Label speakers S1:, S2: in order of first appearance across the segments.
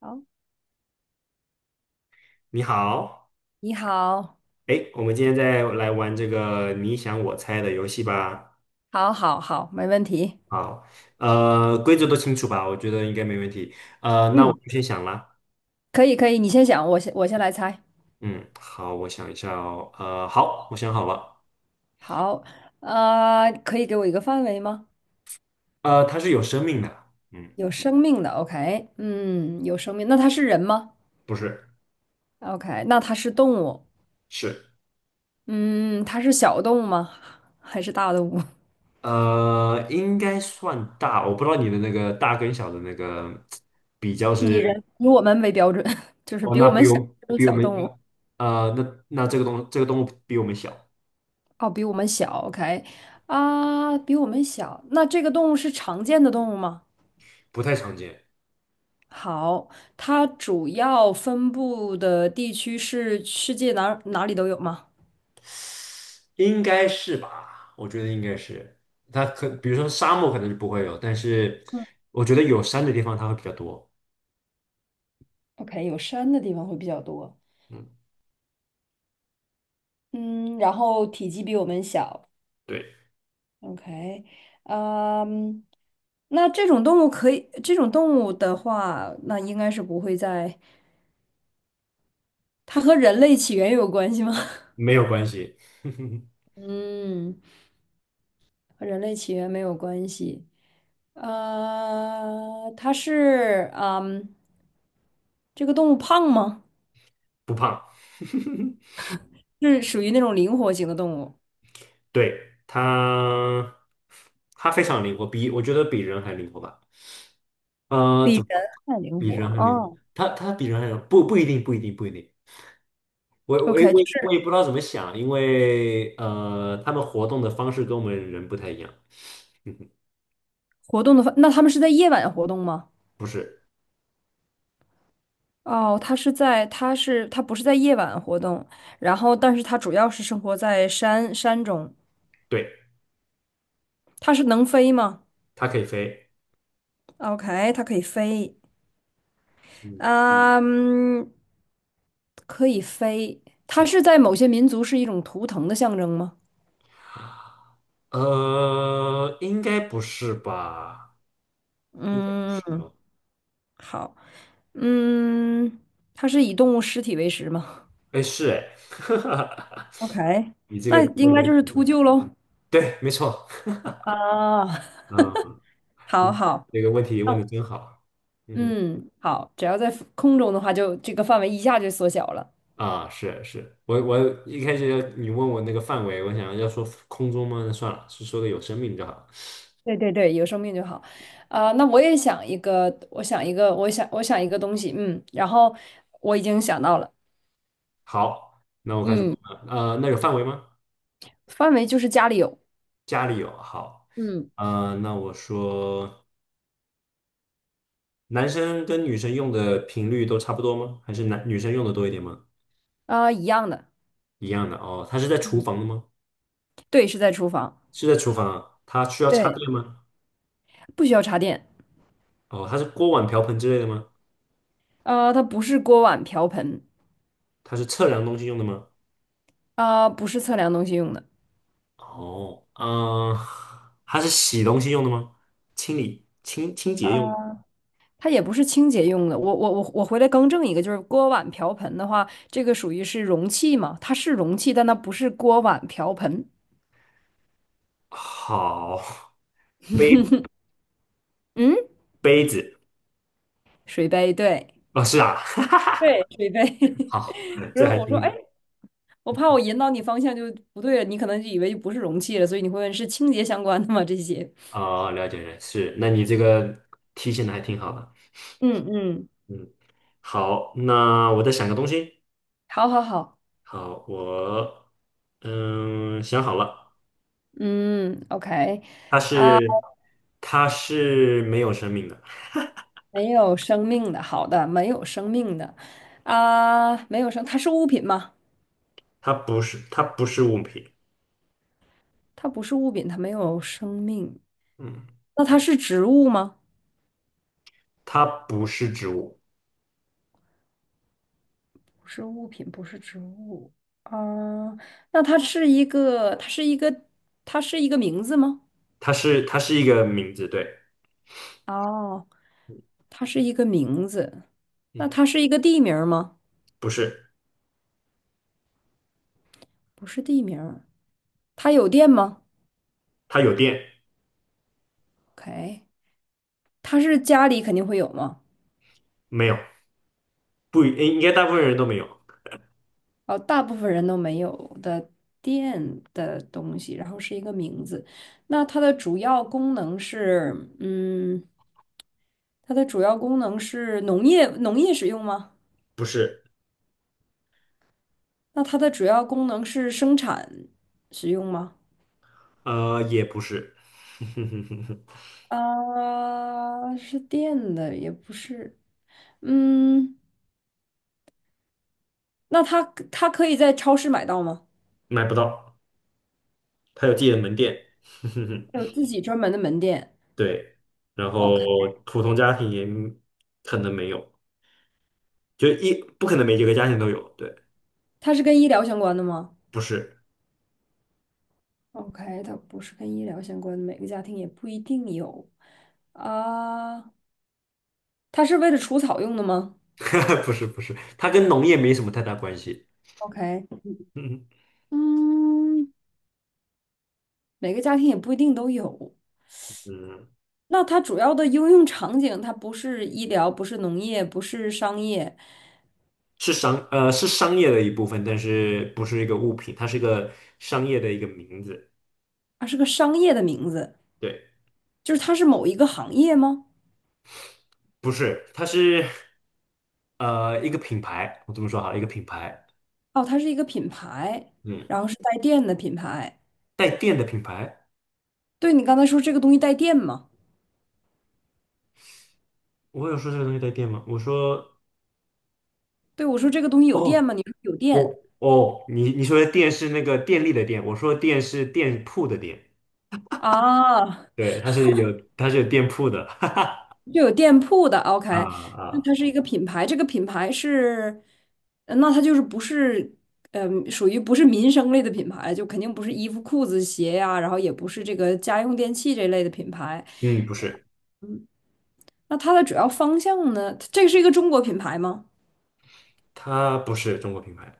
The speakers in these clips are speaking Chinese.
S1: 好，
S2: 你好，
S1: 你好，
S2: 哎，我们今天再来玩这个你想我猜的游戏吧。
S1: 好，好，好，没问题。
S2: 好，规则都清楚吧？我觉得应该没问题。那我
S1: 嗯，
S2: 就先想啦。
S1: 可以，可以，你先想，我先来猜。
S2: 嗯，好，我想一下哦。好，我想好了。
S1: 好，可以给我一个范围吗？
S2: 它是有生命的。嗯，
S1: 有生命的，OK，嗯，有生命，那它是人吗
S2: 不是，
S1: ？OK，那它是动物，
S2: 是，
S1: 嗯，它是小动物吗？还是大动物？
S2: 应该算大。我不知道你的那个大跟小的那个比较
S1: 以人
S2: 是，
S1: 以我们为标准，就是
S2: 哦，
S1: 比
S2: 那
S1: 我们小这种
S2: 比我
S1: 小
S2: 们，
S1: 动物，
S2: 那这个东这个动物比我们小，
S1: 哦，比我们小，OK，啊，比我们小，那这个动物是常见的动物吗？
S2: 不太常见。
S1: 好，它主要分布的地区是世界哪里都有吗？
S2: 应该是吧？我觉得应该是。它可，比如说沙漠可能是不会有，但是
S1: 嗯，
S2: 我觉得有山的地方它会比较多。
S1: OK，有山的地方会比较多。
S2: 嗯，
S1: 嗯，然后体积比我们小。
S2: 对，
S1: OK，嗯，那这种动物可以，这种动物的话，那应该是不会在，它和人类起源有关系吗？
S2: 没有关系，
S1: 嗯，和人类起源没有关系。它是，嗯，这个动物胖吗？
S2: 不胖。
S1: 是属于那种灵活型的动物，
S2: 对，它，它非常灵活，比我觉得比人还灵活吧。呃，
S1: 比
S2: 怎
S1: 人
S2: 么说
S1: 还灵
S2: 比
S1: 活
S2: 人还灵活？
S1: 哦。
S2: 它它比人还灵活不不一定，不一定，不一定。我
S1: OK，就是
S2: 不知道怎么想，因为他们活动的方式跟我们人不太一样。
S1: 活动的话，那它们是在夜晚活动吗？
S2: 不是，
S1: 哦，它是在，它是，它不是在夜晚活动，然后，但是它主要是生活在山中。
S2: 对，
S1: 它是能飞吗
S2: 它可以飞。
S1: ？OK，它可以飞，
S2: 嗯，
S1: 啊嗯，可以飞。它
S2: 嗯
S1: 是在某些民族是一种图腾的象征吗？
S2: 应该不是吧？应该不是
S1: 嗯，
S2: 哦。
S1: 好，嗯，它是以动物尸体为食吗？
S2: 哎，是哎，
S1: OK，那
S2: 问
S1: 应该就是
S2: 的
S1: 秃鹫喽。
S2: 对，没错。
S1: 啊，
S2: 嗯，
S1: 好好，
S2: 这个问题问
S1: 哦，
S2: 的真好。嗯哼，
S1: 嗯，好，只要在空中的话就，这个范围一下就缩小了。
S2: 啊，是是，我一开始你问我那个范围，我想要说空中吗？那算了，是说个有生命就好。
S1: 对对对，有生命就好。啊、那我也想一个，我想一个，我想一个东西，嗯，然后我已经想到了，
S2: 好，那我开始问
S1: 嗯，
S2: 了。那有范围吗？
S1: 范围就是家里有，
S2: 家里有。好，
S1: 嗯，
S2: 那我说，男生跟女生用的频率都差不多吗？还是男女生用的多一点吗？
S1: 啊、一样的，
S2: 一样的哦。它是在厨
S1: 嗯，
S2: 房的吗？
S1: 对，是在厨房，
S2: 是在厨房啊？它需要插
S1: 对，
S2: 电吗？
S1: 不需要插电，
S2: 哦，它是锅碗瓢盆之类的吗？
S1: 啊、它不是锅碗瓢盆，
S2: 它是测量东西用的吗？
S1: 啊、不是测量东西用的，
S2: 哦，嗯、它是洗东西用的吗？清理、清清
S1: 啊。
S2: 洁用的。
S1: 它也不是清洁用的。我回来更正一个，就是锅碗瓢盆的话，这个属于是容器嘛？它是容器，但它不是锅碗瓢盆。
S2: 好，杯子
S1: 嗯，
S2: 杯子
S1: 水杯，对
S2: 哦，是啊，
S1: 对，水杯。
S2: 好，
S1: 不是，
S2: 这还
S1: 我说，哎，
S2: 挺
S1: 我怕我引导你方向就不对了，你可能就以为就不是容器了，所以你会问是清洁相关的吗？这些。
S2: 哦，了解了，是。那你这个提醒的还挺好的，
S1: 嗯嗯，
S2: 嗯，好，那我再想个东西。
S1: 好好好，
S2: 好，我嗯想好了。
S1: 嗯，OK，
S2: 它是它是没有生命的，
S1: 没有生命的，好的，没有生命的，啊，没有生，它是物品吗？
S2: 它不是物品，
S1: 它不是物品，它没有生命。
S2: 嗯，
S1: 那它是植物吗？
S2: 它不是植物，
S1: 不是物品，不是植物。啊、那它是一个，它是一个，它是一个名字吗？
S2: 它是一个名字，对，
S1: 哦，它是一个名字。那
S2: 嗯，
S1: 它是一个地名儿吗？
S2: 不是，
S1: 不是地名儿。它有电吗
S2: 它有电
S1: ？OK，它是家里肯定会有吗？
S2: 没有？不，应应该大部分人都没有，
S1: 哦，大部分人都没有的电的东西，然后是一个名字。那它的主要功能是，嗯，它的主要功能是农业使用吗？
S2: 不是，
S1: 那它的主要功能是生产使用吗？
S2: 也不是，
S1: 啊，是电的，也不是。嗯，那它它可以在超市买到吗？
S2: 买不到，它有自己的门店，
S1: 有 自己专门的门店。
S2: 对，然后
S1: OK，
S2: 普通家庭也可能没有，就一不可能每一个家庭都有，对，
S1: 它是跟医疗相关的吗
S2: 不是。
S1: ？OK，它不是跟医疗相关的，每个家庭也不一定有。啊，它是为了除草用的吗
S2: 不是不是，它跟农业没什么太大关系。
S1: ？OK，
S2: 嗯
S1: 嗯，每个家庭也不一定都有。
S2: 嗯，
S1: 那它主要的应用场景，它不是医疗，不是农业，不是商业，
S2: 是商是商业的一部分，但是不是一个物品，它是一个商业的一个名字。
S1: 它是个商业的名字，
S2: 对，
S1: 就是它是某一个行业吗？
S2: 不是，它是一个品牌。我这么说好了，一个品牌。
S1: 哦，它是一个品牌，
S2: 嗯，
S1: 然后是带电的品牌。
S2: 带电的品牌。
S1: 对，你刚才说这个东西带电吗？
S2: 我有说这个东西带电吗？我说
S1: 对，我说这个东西有电
S2: 哦，
S1: 吗？你说有
S2: 我
S1: 电
S2: 哦，你你说的电是那个电力的电，我说电是店铺的店。
S1: 啊，
S2: 对，它是有店铺的。
S1: 就有店铺的，OK，
S2: 啊
S1: 那
S2: 啊，
S1: 它是一个品牌，这个品牌是，那它就是不是，嗯、属于不是民生类的品牌，就肯定不是衣服、裤子、鞋呀、然后也不是这个家用电器这类的品牌。
S2: 嗯，不是，
S1: 那它的主要方向呢？这个是一个中国品牌吗？
S2: 它不是中国品牌。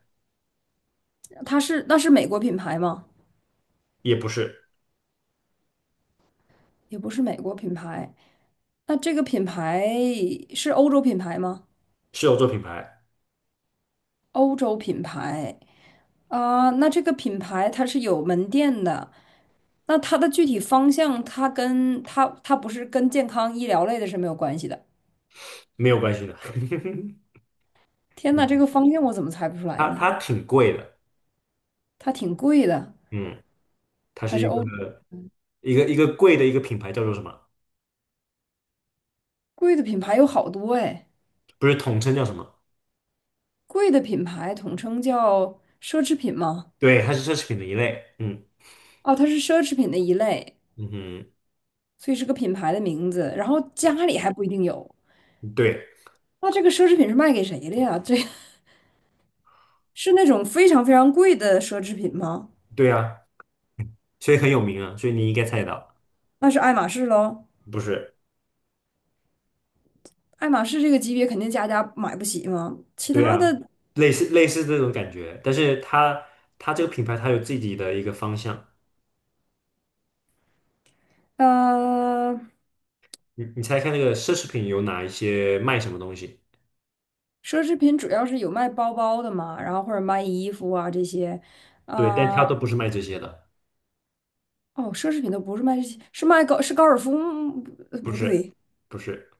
S1: 它是，那是美国品牌吗？
S2: 也不是，
S1: 也不是美国品牌。那这个品牌是欧洲品牌吗？
S2: 是有做品牌，
S1: 欧洲品牌啊、那这个品牌它是有门店的。那它的具体方向，它不是跟健康医疗类的是没有关系的。
S2: 没有关系的。
S1: 天呐，这个
S2: 嗯
S1: 方向我怎么猜不出来
S2: 它
S1: 呢？
S2: 它挺贵的，
S1: 它挺贵的，
S2: 嗯，它是
S1: 还是
S2: 一个
S1: 欧
S2: 一个贵的一个品牌，叫做什么？
S1: 贵的品牌有好多哎，
S2: 不是统称叫什么？
S1: 贵的品牌统称叫奢侈品吗？
S2: 对，它是奢侈品的一类，嗯
S1: 哦，它是奢侈品的一类，
S2: 嗯哼，
S1: 所以是个品牌的名字。然后家
S2: 对
S1: 里还不一定有，
S2: 对
S1: 那这个奢侈品是卖给谁的呀？这 是那种非常非常贵的奢侈品吗？
S2: 对啊，所以很有名啊，所以你应该猜得到，
S1: 那是爱马仕喽。
S2: 不是？
S1: 爱马仕这个级别肯定家家买不起嘛，其
S2: 对
S1: 他
S2: 啊，
S1: 的
S2: 类似这种感觉，但是它这个品牌它有自己的一个方向，
S1: 呃，
S2: 你猜看那个奢侈品有哪一些卖什么东西？
S1: 奢侈品主要是有卖包包的嘛，然后或者卖衣服啊这些，
S2: 对，但
S1: 啊、
S2: 它都不是卖这些的，
S1: 哦，奢侈品都不是卖这些，是卖高是高尔夫吗
S2: 不
S1: 不
S2: 是
S1: 对，
S2: 不是。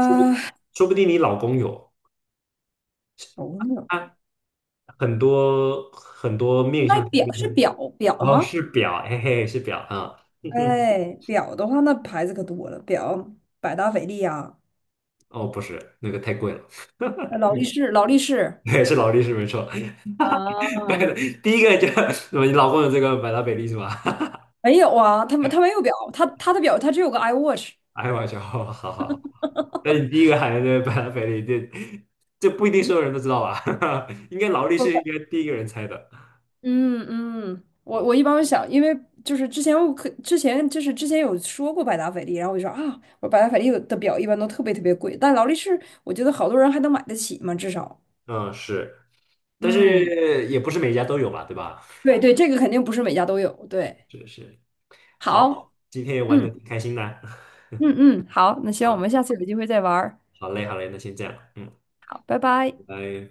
S2: 说不说不定你老公有，
S1: 头牛
S2: 他很多很多面
S1: 卖
S2: 相，上
S1: 表是表表
S2: 然后
S1: 吗？
S2: 是表，嘿嘿，是表啊，嗯哼
S1: 哎，表的话那牌子可多了，表百达翡丽啊，
S2: 哦，不是，那个太贵了，
S1: 劳力士，劳力士
S2: 对，是劳力士没错，买
S1: 啊，
S2: 的第一个就 你老公有这个百达翡丽是吧？
S1: 没有啊，他没有表，他的表他只有个 iWatch。
S2: 哎，我笑，哦好好好，那你第一个喊的这个百达翡丽，这不一定所有人都知道吧？应该劳力士应该第一个人猜的，
S1: 嗯嗯，我一
S2: 嗯
S1: 般会想，因为就是之前我可之前就是之前有说过百达翡丽，然后我就说啊，我百达翡丽有的表一般都特别特别贵，但劳力士我觉得好多人还能买得起嘛，至少，
S2: 嗯是，但
S1: 嗯，
S2: 是也不是每家都有吧，对吧？
S1: 对对，这个肯定不是每家都有，对，
S2: 是是。好，
S1: 好，
S2: 今天也玩的
S1: 嗯
S2: 挺开心的啊
S1: 嗯，好，那希望我们下次有机会再玩儿，
S2: 好嘞，好嘞，那先这样，嗯，
S1: 好，拜拜。
S2: 拜拜。